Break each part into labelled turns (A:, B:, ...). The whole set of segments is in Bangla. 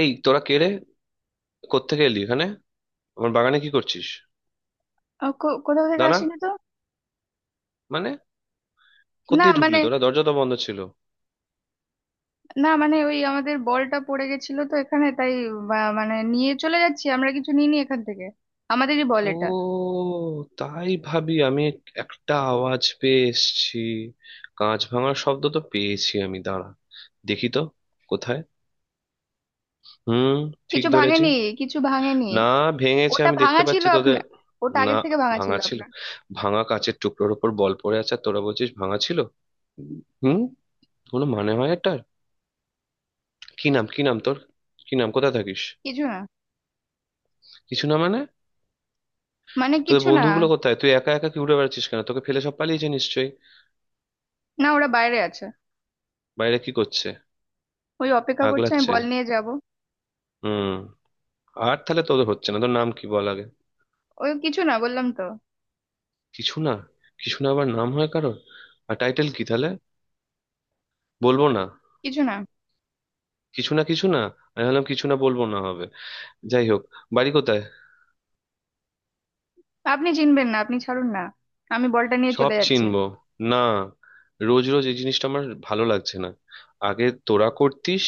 A: এই তোরা কে রে? কোত্থেকে এলি এখানে? আমার বাগানে কি করছিস?
B: ও, কোথাও থেকে
A: দাঁড়া।
B: আসেনি তো।
A: মানে
B: না
A: কোত্থেকে ঢুকলি
B: মানে,
A: তোরা, দরজা তো বন্ধ ছিল?
B: ওই আমাদের বলটা পড়ে গেছিল তো এখানে, তাই মানে নিয়ে চলে যাচ্ছি। আমরা কিছু নিইনি এখান থেকে, আমাদেরই বল
A: ও,
B: এটা।
A: তাই ভাবি আমি, একটা আওয়াজ পেয়ে এসেছি। কাঁচ ভাঙার শব্দ তো পেয়েছি আমি, দাঁড়া, দেখি তো কোথায়। হুম, ঠিক
B: কিছু
A: ধরেছি।
B: ভাঙেনি। কিছু ভাঙেনি।
A: না, ভেঙেছে,
B: ওটা
A: আমি
B: ভাঙা
A: দেখতে
B: ছিল
A: পাচ্ছি তোদের।
B: আপনার। ওটা
A: না,
B: আগের থেকে ভাঙা ছিল
A: ভাঙা ছিল?
B: আপনার।
A: ভাঙা কাঁচের টুকরোর উপর বল পড়ে আছে, আর তোরা বলছিস ভাঙা ছিল? হুম, কোনো মানে হয় এটা? কি নাম, কি নাম তোর? কি নাম, কোথায় থাকিস?
B: কিছু না।
A: কিছু না মানে?
B: মানে
A: তোদের
B: কিছু না।
A: বন্ধুগুলো কোথায়? তুই একা একা কি উড়ে বেড়াচ্ছিস? কেন, তোকে ফেলে সব পালিয়েছে নিশ্চয়ই।
B: না, ওরা বাইরে আছে।
A: বাইরে কি করছে?
B: ওই অপেক্ষা করছে, আমি
A: আগলাচ্ছে।
B: বল নিয়ে যাব।
A: হুম। আর তাহলে তোদের হচ্ছে না, তোর নাম কি বল আগে।
B: ওই কিছু না বললাম তো।
A: কিছু না? কিছু না আবার নাম হয় কারোর? আর টাইটেল কি তাহলে, বলবো না?
B: কিছু না।
A: কিছু না, কিছু না। আমি ভাবলাম কিছু না বলবো না হবে। যাই হোক, বাড়ি কোথায়?
B: আপনি চিনবেন না, আপনি ছাড়ুন না। আমি বলটা নিয়ে
A: সব
B: চলে যাচ্ছি।
A: চিনবো। না, রোজ রোজ এই জিনিসটা আমার ভালো লাগছে না। আগে তোরা করতিস,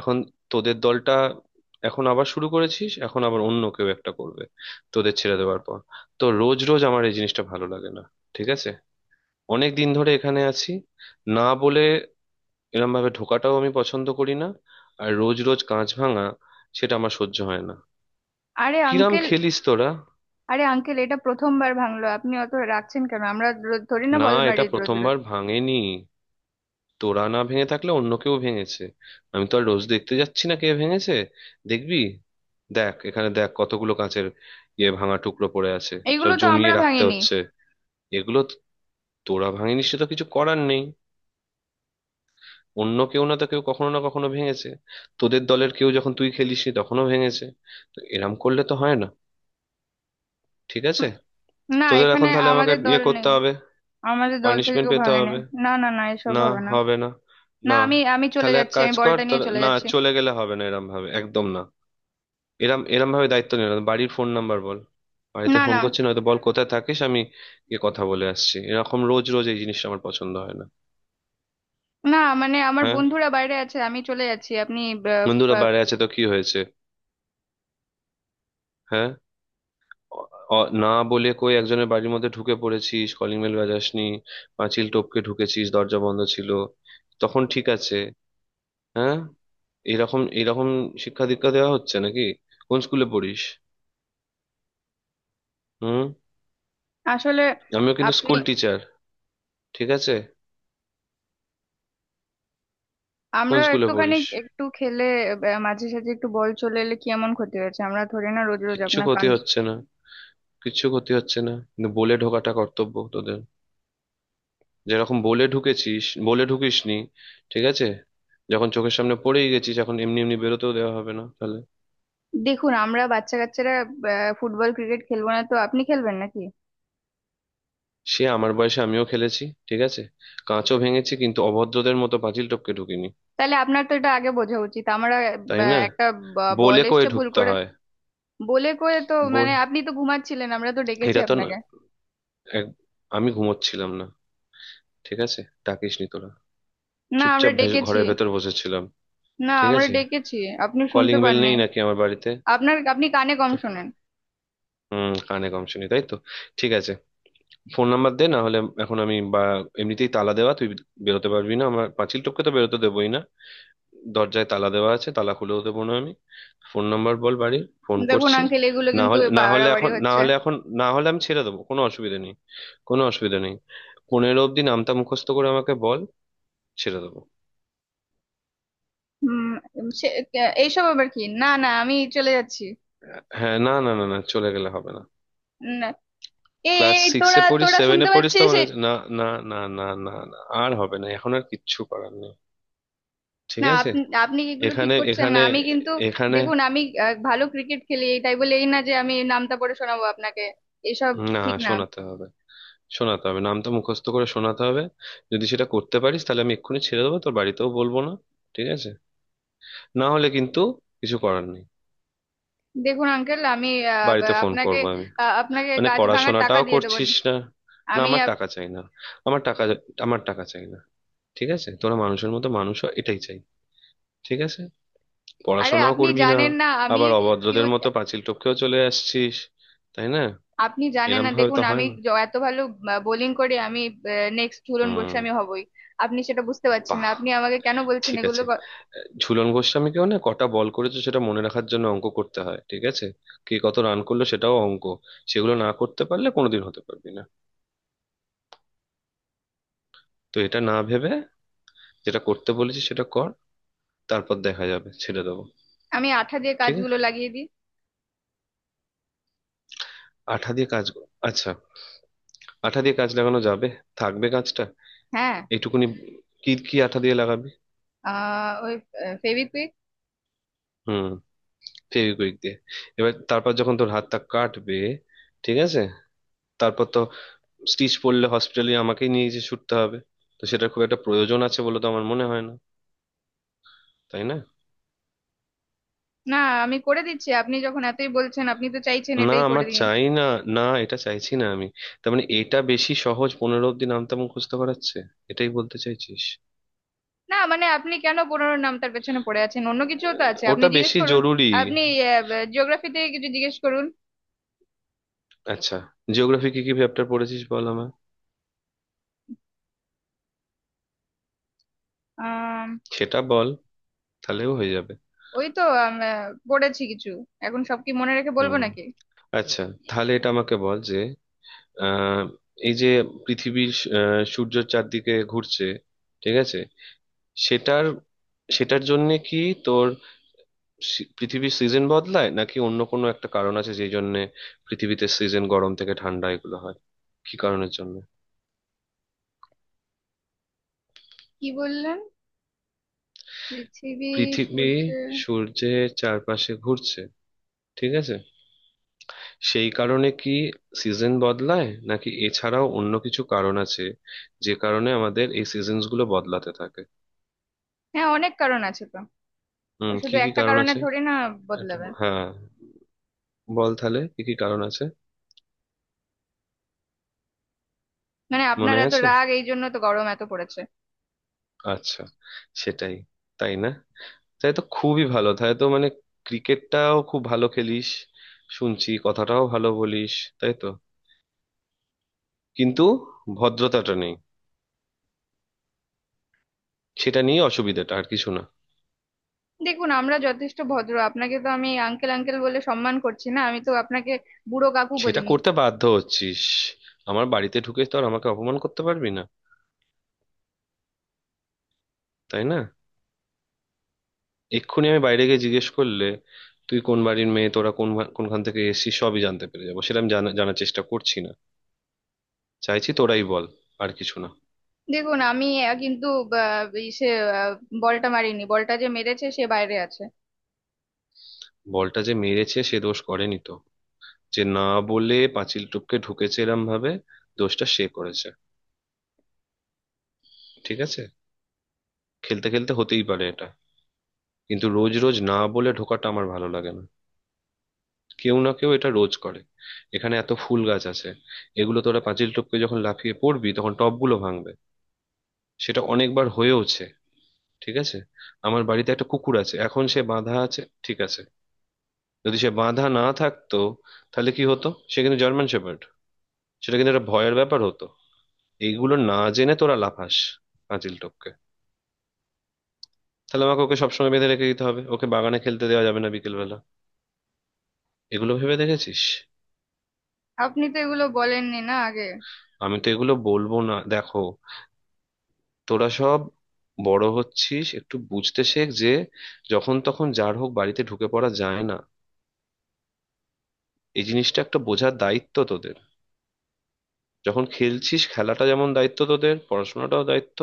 A: এখন তোদের দলটা এখন আবার শুরু করেছিস, এখন আবার অন্য কেউ একটা করবে তোদের ছেড়ে দেওয়ার পর। তো রোজ রোজ আমার এই জিনিসটা ভালো লাগে না, ঠিক আছে? অনেক দিন ধরে এখানে আছি। না বলে এরম ভাবে ঢোকাটাও আমি পছন্দ করি না, আর রোজ রোজ কাঁচ ভাঙা, সেটা আমার সহ্য হয় না।
B: আরে
A: কিরাম
B: আঙ্কেল!
A: খেলিস তোরা?
B: আরে আঙ্কেল, এটা প্রথমবার ভাঙলো, আপনি অত রাখছেন কেন? আমরা রোজ ধরি না
A: না,
B: বল
A: এটা
B: মারি রোজ রোজ।
A: প্রথমবার ভাঙেনি। তোরা না ভেঙে থাকলে অন্য কেউ ভেঙেছে, আমি তো আর রোজ দেখতে যাচ্ছি না কে ভেঙেছে। দেখবি, দেখ এখানে, দেখ কতগুলো কাঁচের ইয়ে ভাঙা টুকরো পড়ে আছে, সব
B: এইগুলো তো আমরা
A: জমিয়ে রাখতে
B: ভাঙিনি।
A: হচ্ছে। এগুলো তো- তোরা ভাঙিনি সে তো কিছু করার নেই, অন্য কেউ না তো কেউ কখনো না কখনো ভেঙেছে। তোদের দলের কেউ যখন তুই খেলিসনি তখনও ভেঙেছে। তো এরম করলে তো হয় না, ঠিক আছে?
B: হুম, না,
A: তোদের
B: এখানে
A: এখন তাহলে আমাকে
B: আমাদের দল
A: ইয়ে করতে
B: নেই।
A: হবে,
B: আমাদের দল থেকে
A: পানিশমেন্ট
B: কেউ
A: পেতে
B: ভাঙেনি।
A: হবে।
B: না না না, এসব
A: না,
B: হবে না।
A: হবে না।
B: না,
A: না,
B: আমি আমি চলে
A: তাহলে এক
B: যাচ্ছি,
A: কাজ
B: আমি
A: কর,
B: বলটা নিয়ে চলে
A: না
B: যাচ্ছি।
A: চলে গেলে হবে না এরম ভাবে, একদম না। এরম এরম ভাবে দায়িত্ব নিল না। বাড়ির ফোন নাম্বার বল, বাড়িতে
B: না
A: ফোন
B: না।
A: করছি, না হয়তো বল কোথায় থাকিস, আমি গিয়ে কথা বলে আসছি। এরকম রোজ রোজ এই জিনিসটা আমার পছন্দ হয় না।
B: না, মানে আমার
A: হ্যাঁ।
B: বন্ধুরা বাইরে আছে, আমি চলে যাচ্ছি, আপনি। আহ,
A: বন্ধুরা
B: আহ,
A: বাইরে আছে তো কি হয়েছে? হ্যাঁ। অ- না বলে কই একজনের বাড়ির মধ্যে ঢুকে পড়েছিস, কলিং বেল বাজাসনি, পাঁচিল টপকে ঢুকেছিস, দরজা বন্ধ ছিল তখন, ঠিক আছে? হ্যাঁ, এরকম এরকম শিক্ষা দীক্ষা দেওয়া হচ্ছে নাকি? কোন স্কুলে পড়িস? হুম,
B: আসলে
A: আমিও কিন্তু
B: আপনি
A: স্কুল টিচার, ঠিক আছে? কোন
B: আমরা
A: স্কুলে
B: একটুখানি
A: পড়িস?
B: একটু খেলে মাঝে সাঝে একটু বল চলে এলে কি এমন ক্ষতি হয়েছে? আমরা ধরি না রোজ রোজ
A: কিচ্ছু
B: আপনার
A: ক্ষতি
B: কান।
A: হচ্ছে না, কিছু ক্ষতি হচ্ছে না, কিন্তু বলে ঢোকাটা কর্তব্য তোদের। যেরকম বলে ঢুকেছিস, বলে ঢুকিসনি, ঠিক আছে? যখন চোখের সামনে পড়েই গেছিস, এখন এমনি এমনি বেরোতেও দেওয়া হবে না তাহলে।
B: দেখুন, আমরা বাচ্চা কাচ্চারা ফুটবল ক্রিকেট খেলবো না তো আপনি খেলবেন নাকি?
A: সে আমার বয়সে আমিও খেলেছি, ঠিক আছে? কাঁচও ভেঙেছি, কিন্তু অভদ্রদের মতো পাঁচিল টপকে ঢুকিনি,
B: তাহলে আপনার তো এটা আগে বোঝা উচিত, আমরা
A: তাই না?
B: একটা বল
A: বলে কয়ে
B: এসছে ভুল
A: ঢুকতে
B: করে।
A: হয়।
B: বলে করে তো
A: বল,
B: মানে আপনি তো ঘুমাচ্ছিলেন, আমরা তো ডেকেছি
A: এটা তো না-
B: আপনাকে।
A: এক- আমি ঘুমোচ্ছিলাম না, ঠিক আছে? ডাকিসনি তোরা,
B: না, আমরা
A: চুপচাপ
B: ডেকেছি।
A: ঘরের ভেতর বসেছিলাম।
B: না,
A: ঠিক
B: আমরা
A: আছে,
B: ডেকেছি। আপনি শুনতে
A: কলিং বেল
B: পাননি।
A: নেই নাকি আমার বাড়িতে?
B: আপনার আপনি কানে কম
A: তো
B: শোনেন।
A: হুম, কানে কম শুনি তাই তো, ঠিক আছে। ফোন নাম্বার দে না হলে। এখন আমি বা এমনিতেই তালা দেওয়া, তুই বেরোতে পারবি না, আমার পাঁচিল টপকে তো বেরোতে দেবোই না, দরজায় তালা দেওয়া আছে, তালা খুলেও দেবো না আমি। ফোন নাম্বার বল, বাড়ির ফোন
B: দেখুন
A: করছি।
B: আঙ্কেল, এগুলো
A: না
B: কিন্তু
A: হলে, না হলে
B: বাড়াবাড়ি
A: এখন, না
B: হচ্ছে।
A: হলে এখন, না হলে আমি ছেড়ে দেবো, কোনো অসুবিধা নেই, কোনো অসুবিধা নেই। 15 অব্দি নামটা মুখস্থ করে আমাকে বল, ছেড়ে দেবো।
B: হুম। সে এইসব আবার কি? না না, আমি চলে যাচ্ছি।
A: হ্যাঁ, না না না না, চলে গেলে হবে না।
B: না, এ এ,
A: ক্লাস সিক্সে
B: তোরা
A: পড়িস,
B: তোরা
A: সেভেনে
B: শুনতে
A: পড়িস তো
B: পাচ্ছিস?
A: মনে না, না, না না না না আর হবে না, এখন আর কিচ্ছু করার নেই, ঠিক
B: না
A: আছে?
B: আপনি, এগুলো ঠিক
A: এখানে,
B: করছেন না,
A: এখানে,
B: আমি কিন্তু
A: এখানে।
B: দেখুন, আমি ভালো ক্রিকেট খেলি। এই তাই বলে এই না যে আমি নামটা পড়ে শোনাবো আপনাকে। এসব
A: না,
B: ঠিক না।
A: শোনাতে হবে, শোনাতে হবে, নামটা মুখস্থ করে শোনাতে হবে। যদি সেটা করতে পারিস তাহলে আমি এক্ষুনি ছেড়ে দেবো, তোর বাড়িতেও বলবো না, ঠিক আছে? না হলে কিন্তু কিছু করার নেই,
B: দেখুন আঙ্কেল, আমি
A: বাড়িতে ফোন
B: আপনাকে
A: করবো আমি।
B: আপনাকে
A: মানে
B: কাজ ভাঙার টাকা
A: পড়াশোনাটাও
B: দিয়ে দেবো।
A: করছিস না? না,
B: আমি
A: আমার
B: আপ-
A: টাকা চাই না। আমার টাকা, আমার টাকা চাই না। ঠিক আছে, তোরা মানুষের মতো মানুষ হ, এটাই চাই, ঠিক আছে?
B: আরে
A: পড়াশোনাও
B: আপনি
A: করবি না,
B: জানেন না আমি
A: আবার অভদ্রদের
B: পিউ-
A: মতো পাঁচিল টপকেও চলে আসছিস, তাই না?
B: আপনি জানেন
A: এরম
B: না।
A: ভাবে
B: দেখুন,
A: তো হয়
B: আমি
A: না।
B: এত ভালো বোলিং করে, আমি নেক্সট ঝুলন
A: হুম,
B: গোস্বামী হবই। আপনি সেটা বুঝতে পারছেন না, আপনি আমাকে কেন বলছেন
A: ঠিক
B: এগুলো
A: আছে। ঝুলন গোস্বামীকেও না কটা বল করেছে সেটা মনে রাখার জন্য অঙ্ক করতে হয়, ঠিক আছে? কে কত রান করলো সেটাও অঙ্ক। সেগুলো না করতে পারলে কোনোদিন হতে পারবি না। তো এটা না ভেবে, যেটা করতে বলেছি সেটা কর, তারপর দেখা যাবে, ছেড়ে দেবো।
B: আমি আঠা দিয়ে
A: ঠিক আছে,
B: কাজগুলো লাগিয়ে দিই।
A: আঠা দিয়ে কাজ কর। আচ্ছা, আঠা দিয়ে কাজ লাগানো যাবে? থাকবে কাজটা?
B: হ্যাঁ।
A: এইটুকুনি, কি কি আঠা দিয়ে লাগাবি?
B: ওই ফেভিকুইক।
A: হুম, ফেভিকুইক দিয়ে। এবার তারপর যখন তোর হাতটা কাটবে, ঠিক আছে, তারপর তো স্টিচ পড়লে হসপিটালে আমাকেই নিয়ে গিয়ে ছুটতে হবে। তো সেটা খুব একটা প্রয়োজন আছে বলে তো আমার মনে হয় না, তাই না?
B: না আমি করে দিচ্ছি, আপনি যখন এতই বলছেন, আপনি তো চাইছেন
A: না,
B: এটাই করে
A: আমার
B: দিই।
A: চাই না, না এটা চাইছি না আমি। তার মানে এটা বেশি সহজ, 15 অব্দি নামতে মুখস্থ করাচ্ছে, এটাই বলতে চাইছিস?
B: না মানে আপনি কেন পুরোনো নামটার পেছনে পড়ে আছেন? অন্য কিছুও তো আছে, আপনি
A: ওটা
B: জিজ্ঞেস
A: বেশি
B: করুন।
A: জরুরি।
B: আপনি জিওগ্রাফি থেকে কিছু জিজ্ঞেস করুন।
A: আচ্ছা, জিওগ্রাফি কি কি চ্যাপ্টার পড়েছিস বল আমার,
B: আহ,
A: সেটা বল, তাহলেও হয়ে যাবে।
B: ওই তো পড়েছি কিছু। এখন সব কি মনে রেখে বলবো
A: হুম,
B: নাকি?
A: আচ্ছা, তাহলে এটা আমাকে বল যে, আহ, এই যে পৃথিবীর, সূর্যের চারদিকে ঘুরছে, ঠিক আছে, সেটার, সেটার জন্যে কি তোর পৃথিবীর সিজন বদলায়, নাকি অন্য কোনো একটা কারণ আছে যেই জন্যে পৃথিবীতে সিজন গরম থেকে ঠান্ডা এগুলো হয়, কি কারণের জন্য?
B: কি বললেন? পৃথিবী
A: পৃথিবী
B: সূর্য।
A: সূর্যের চারপাশে ঘুরছে, ঠিক আছে, সেই কারণে কি সিজন বদলায় নাকি এছাড়াও অন্য কিছু কারণ আছে যে কারণে আমাদের এই সিজনস গুলো বদলাতে থাকে?
B: হ্যাঁ, অনেক কারণ আছে তো।
A: হুম,
B: ওই শুধু
A: কি কি
B: একটা
A: কারণ
B: কারণে
A: আছে?
B: থোড়ি না
A: একটু
B: বদলাবে।
A: হ্যাঁ, বল তাহলে কি কি কারণ আছে।
B: মানে আপনার
A: মনে
B: এত
A: আছে,
B: রাগ, এই জন্য তো গরম এত পড়েছে।
A: আচ্ছা, সেটাই, তাই না? তাই তো, খুবই ভালো, তাই তো মানে, ক্রিকেটটাও খুব ভালো খেলিস, শুনছি কথাটাও ভালো বলিস, তাই তো। কিন্তু ভদ্রতাটা নেই, সেটা নিয়ে অসুবিধাটা, আর কিছু না।
B: দেখুন, আমরা যথেষ্ট ভদ্র। আপনাকে তো আমি আঙ্কেল আঙ্কেল বলে সম্মান করছি, না আমি তো আপনাকে বুড়ো কাকু
A: সেটা
B: বলিনি।
A: করতে বাধ্য হচ্ছিস, আমার বাড়িতে ঢুকে তো আর আমাকে অপমান করতে পারবি না, তাই না? এক্ষুনি আমি বাইরে গিয়ে জিজ্ঞেস করলে তুই কোন বাড়ির মেয়ে, তোরা কোন কোনখান থেকে এসেছিস সবই জানতে পেরে যাবো। সেটা আমি জানার চেষ্টা করছি না, চাইছি তোরাই বল, আর কিছু না।
B: দেখুন, আমি কিন্তু আহ, এই সে আহ, বলটা মারিনি, বলটা যে মেরেছে সে বাইরে আছে।
A: বলটা যে মেরেছে সে দোষ করেনি তো? যে না বলে পাঁচিল টপকে ঢুকেছে এরম ভাবে, দোষটা সে করেছে, ঠিক আছে? খেলতে খেলতে হতেই পারে এটা, কিন্তু রোজ রোজ না বলে ঢোকাটা আমার ভালো লাগে না। কেউ না কেউ এটা রোজ করে। এখানে এত ফুল গাছ আছে, এগুলো তোরা পাঁচিল টপকে যখন লাফিয়ে পড়বি তখন টবগুলো ভাঙবে, সেটা অনেকবার হয়েওছে, ঠিক আছে? আমার বাড়িতে একটা কুকুর আছে, এখন সে বাঁধা আছে, ঠিক আছে? যদি সে বাঁধা না থাকতো তাহলে কি হতো? সে কিন্তু জার্মান শেপার্ড, সেটা কিন্তু একটা ভয়ের ব্যাপার হতো। এইগুলো না জেনে তোরা লাফাস পাঁচিল টপকে, তাহলে আমাকে ওকে সবসময় বেঁধে রেখে দিতে হবে, ওকে বাগানে খেলতে দেওয়া যাবে না বিকেল বেলা। এগুলো ভেবে দেখেছিস?
B: আপনি তো এগুলো বলেননি না আগে।
A: আমি তো এগুলো বলবো না, দেখো তোরা সব বড় হচ্ছিস, একটু বুঝতে শেখ যে যখন তখন যার হোক বাড়িতে ঢুকে পড়া যায় না, এই জিনিসটা একটা বোঝার দায়িত্ব তোদের। যখন খেলছিস, খেলাটা যেমন দায়িত্ব তোদের, পড়াশোনাটাও দায়িত্ব,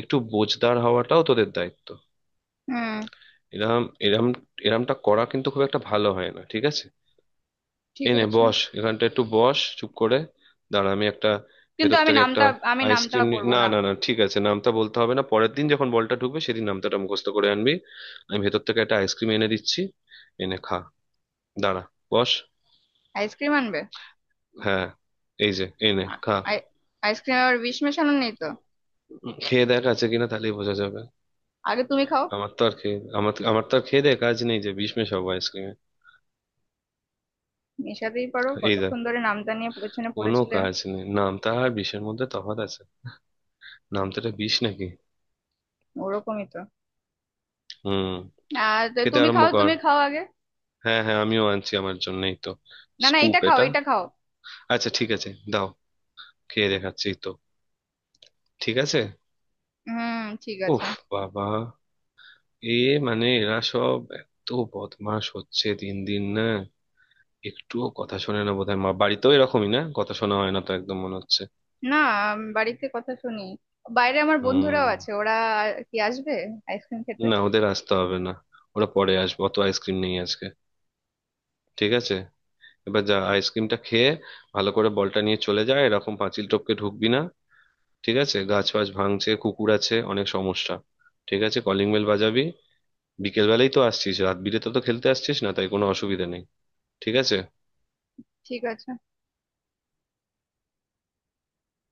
A: একটু বোঝদার হওয়াটাও তোদের দায়িত্ব।
B: হুম।
A: এরম এরম, এরমটা করা কিন্তু খুব একটা ভালো হয় না, ঠিক আছে?
B: ঠিক
A: এনে
B: আছে,
A: বস এখানটা, একটু বস চুপ করে, দাঁড়া আমি একটা
B: কিন্তু
A: ভেতর
B: আমি
A: থেকে
B: নামটা,
A: একটা
B: আমি নামটা
A: আইসক্রিম নি।
B: পরবো
A: না
B: না।
A: না না, ঠিক আছে, নামটা বলতে হবে না, পরের দিন যখন বলটা ঢুকবে সেদিন নামটা মুখস্থ করে আনবি। আমি ভেতর থেকে একটা আইসক্রিম এনে দিচ্ছি, এনে খা, দাঁড়া, বস।
B: আইসক্রিম আনবে?
A: হ্যাঁ, এই যে, এনে
B: আ-
A: খা।
B: আই- আইসক্রিম আর বিষ মেশানো নেই তো?
A: খেয়ে দেখ আছে কিনা, তাহলেই বোঝা যাবে।
B: আগে তুমি খাও।
A: আমার তো আর খেয়ে, আমার, আমার তো আর খেয়ে দেখ কাজ নেই যে বিষ মেশাবো আইসক্রিমে।
B: মেশাতেই পারো,
A: এই দেখ,
B: কতক্ষণ ধরে নামটা নিয়ে পেছনে
A: কোনো
B: পড়েছিলে।
A: কাজ নেই, নামতা আর বিষের মধ্যে তফাৎ আছে, নামতাটা বিষ নাকি?
B: ওরকমই তো।
A: হুম,
B: আর তো,
A: খেতে
B: তুমি
A: আরম্ভ
B: খাও,
A: কর।
B: তুমি খাও আগে।
A: হ্যাঁ হ্যাঁ, আমিও আনছি, আমার জন্যই তো।
B: না না,
A: স্কুপ
B: এটা খাও,
A: এটা,
B: এটা খাও।
A: আচ্ছা ঠিক আছে, দাও, খেয়ে দেখাচ্ছি তো, ঠিক আছে।
B: হুম। ঠিক আছে।
A: উফ, বাবা, এ, মানে এরা সব এত বদমাশ হচ্ছে দিন দিন, না? একটুও কথা শোনে না, বোধহয় মা বাড়িতেও এরকমই, না কথা শোনা হয় না তো একদম মনে
B: না, বাড়িতে কথা শুনি। বাইরে আমার বন্ধুরাও
A: হুম।
B: আছে, ওরা আর কি আসবে আইসক্রিম খেতে?
A: না, ওদের আসতে হবে না, ওরা পরে আসবে, অত আইসক্রিম নেই আজকে, ঠিক আছে? এবার যা, আইসক্রিমটা খেয়ে ভালো করে বলটা নিয়ে চলে যায়, এরকম পাঁচিল টপকে ঢুকবি না, ঠিক আছে? গাছ ফাছ ভাঙছে, কুকুর আছে, অনেক সমস্যা। ঠিক আছে, কলিং বেল বাজাবি। বিকেল বেলাই তো আসছিস, রাত বিরেতে তো খেলতে আসছিস না, তাই কোনো অসুবিধা নেই, ঠিক আছে।
B: ঠিক আছে।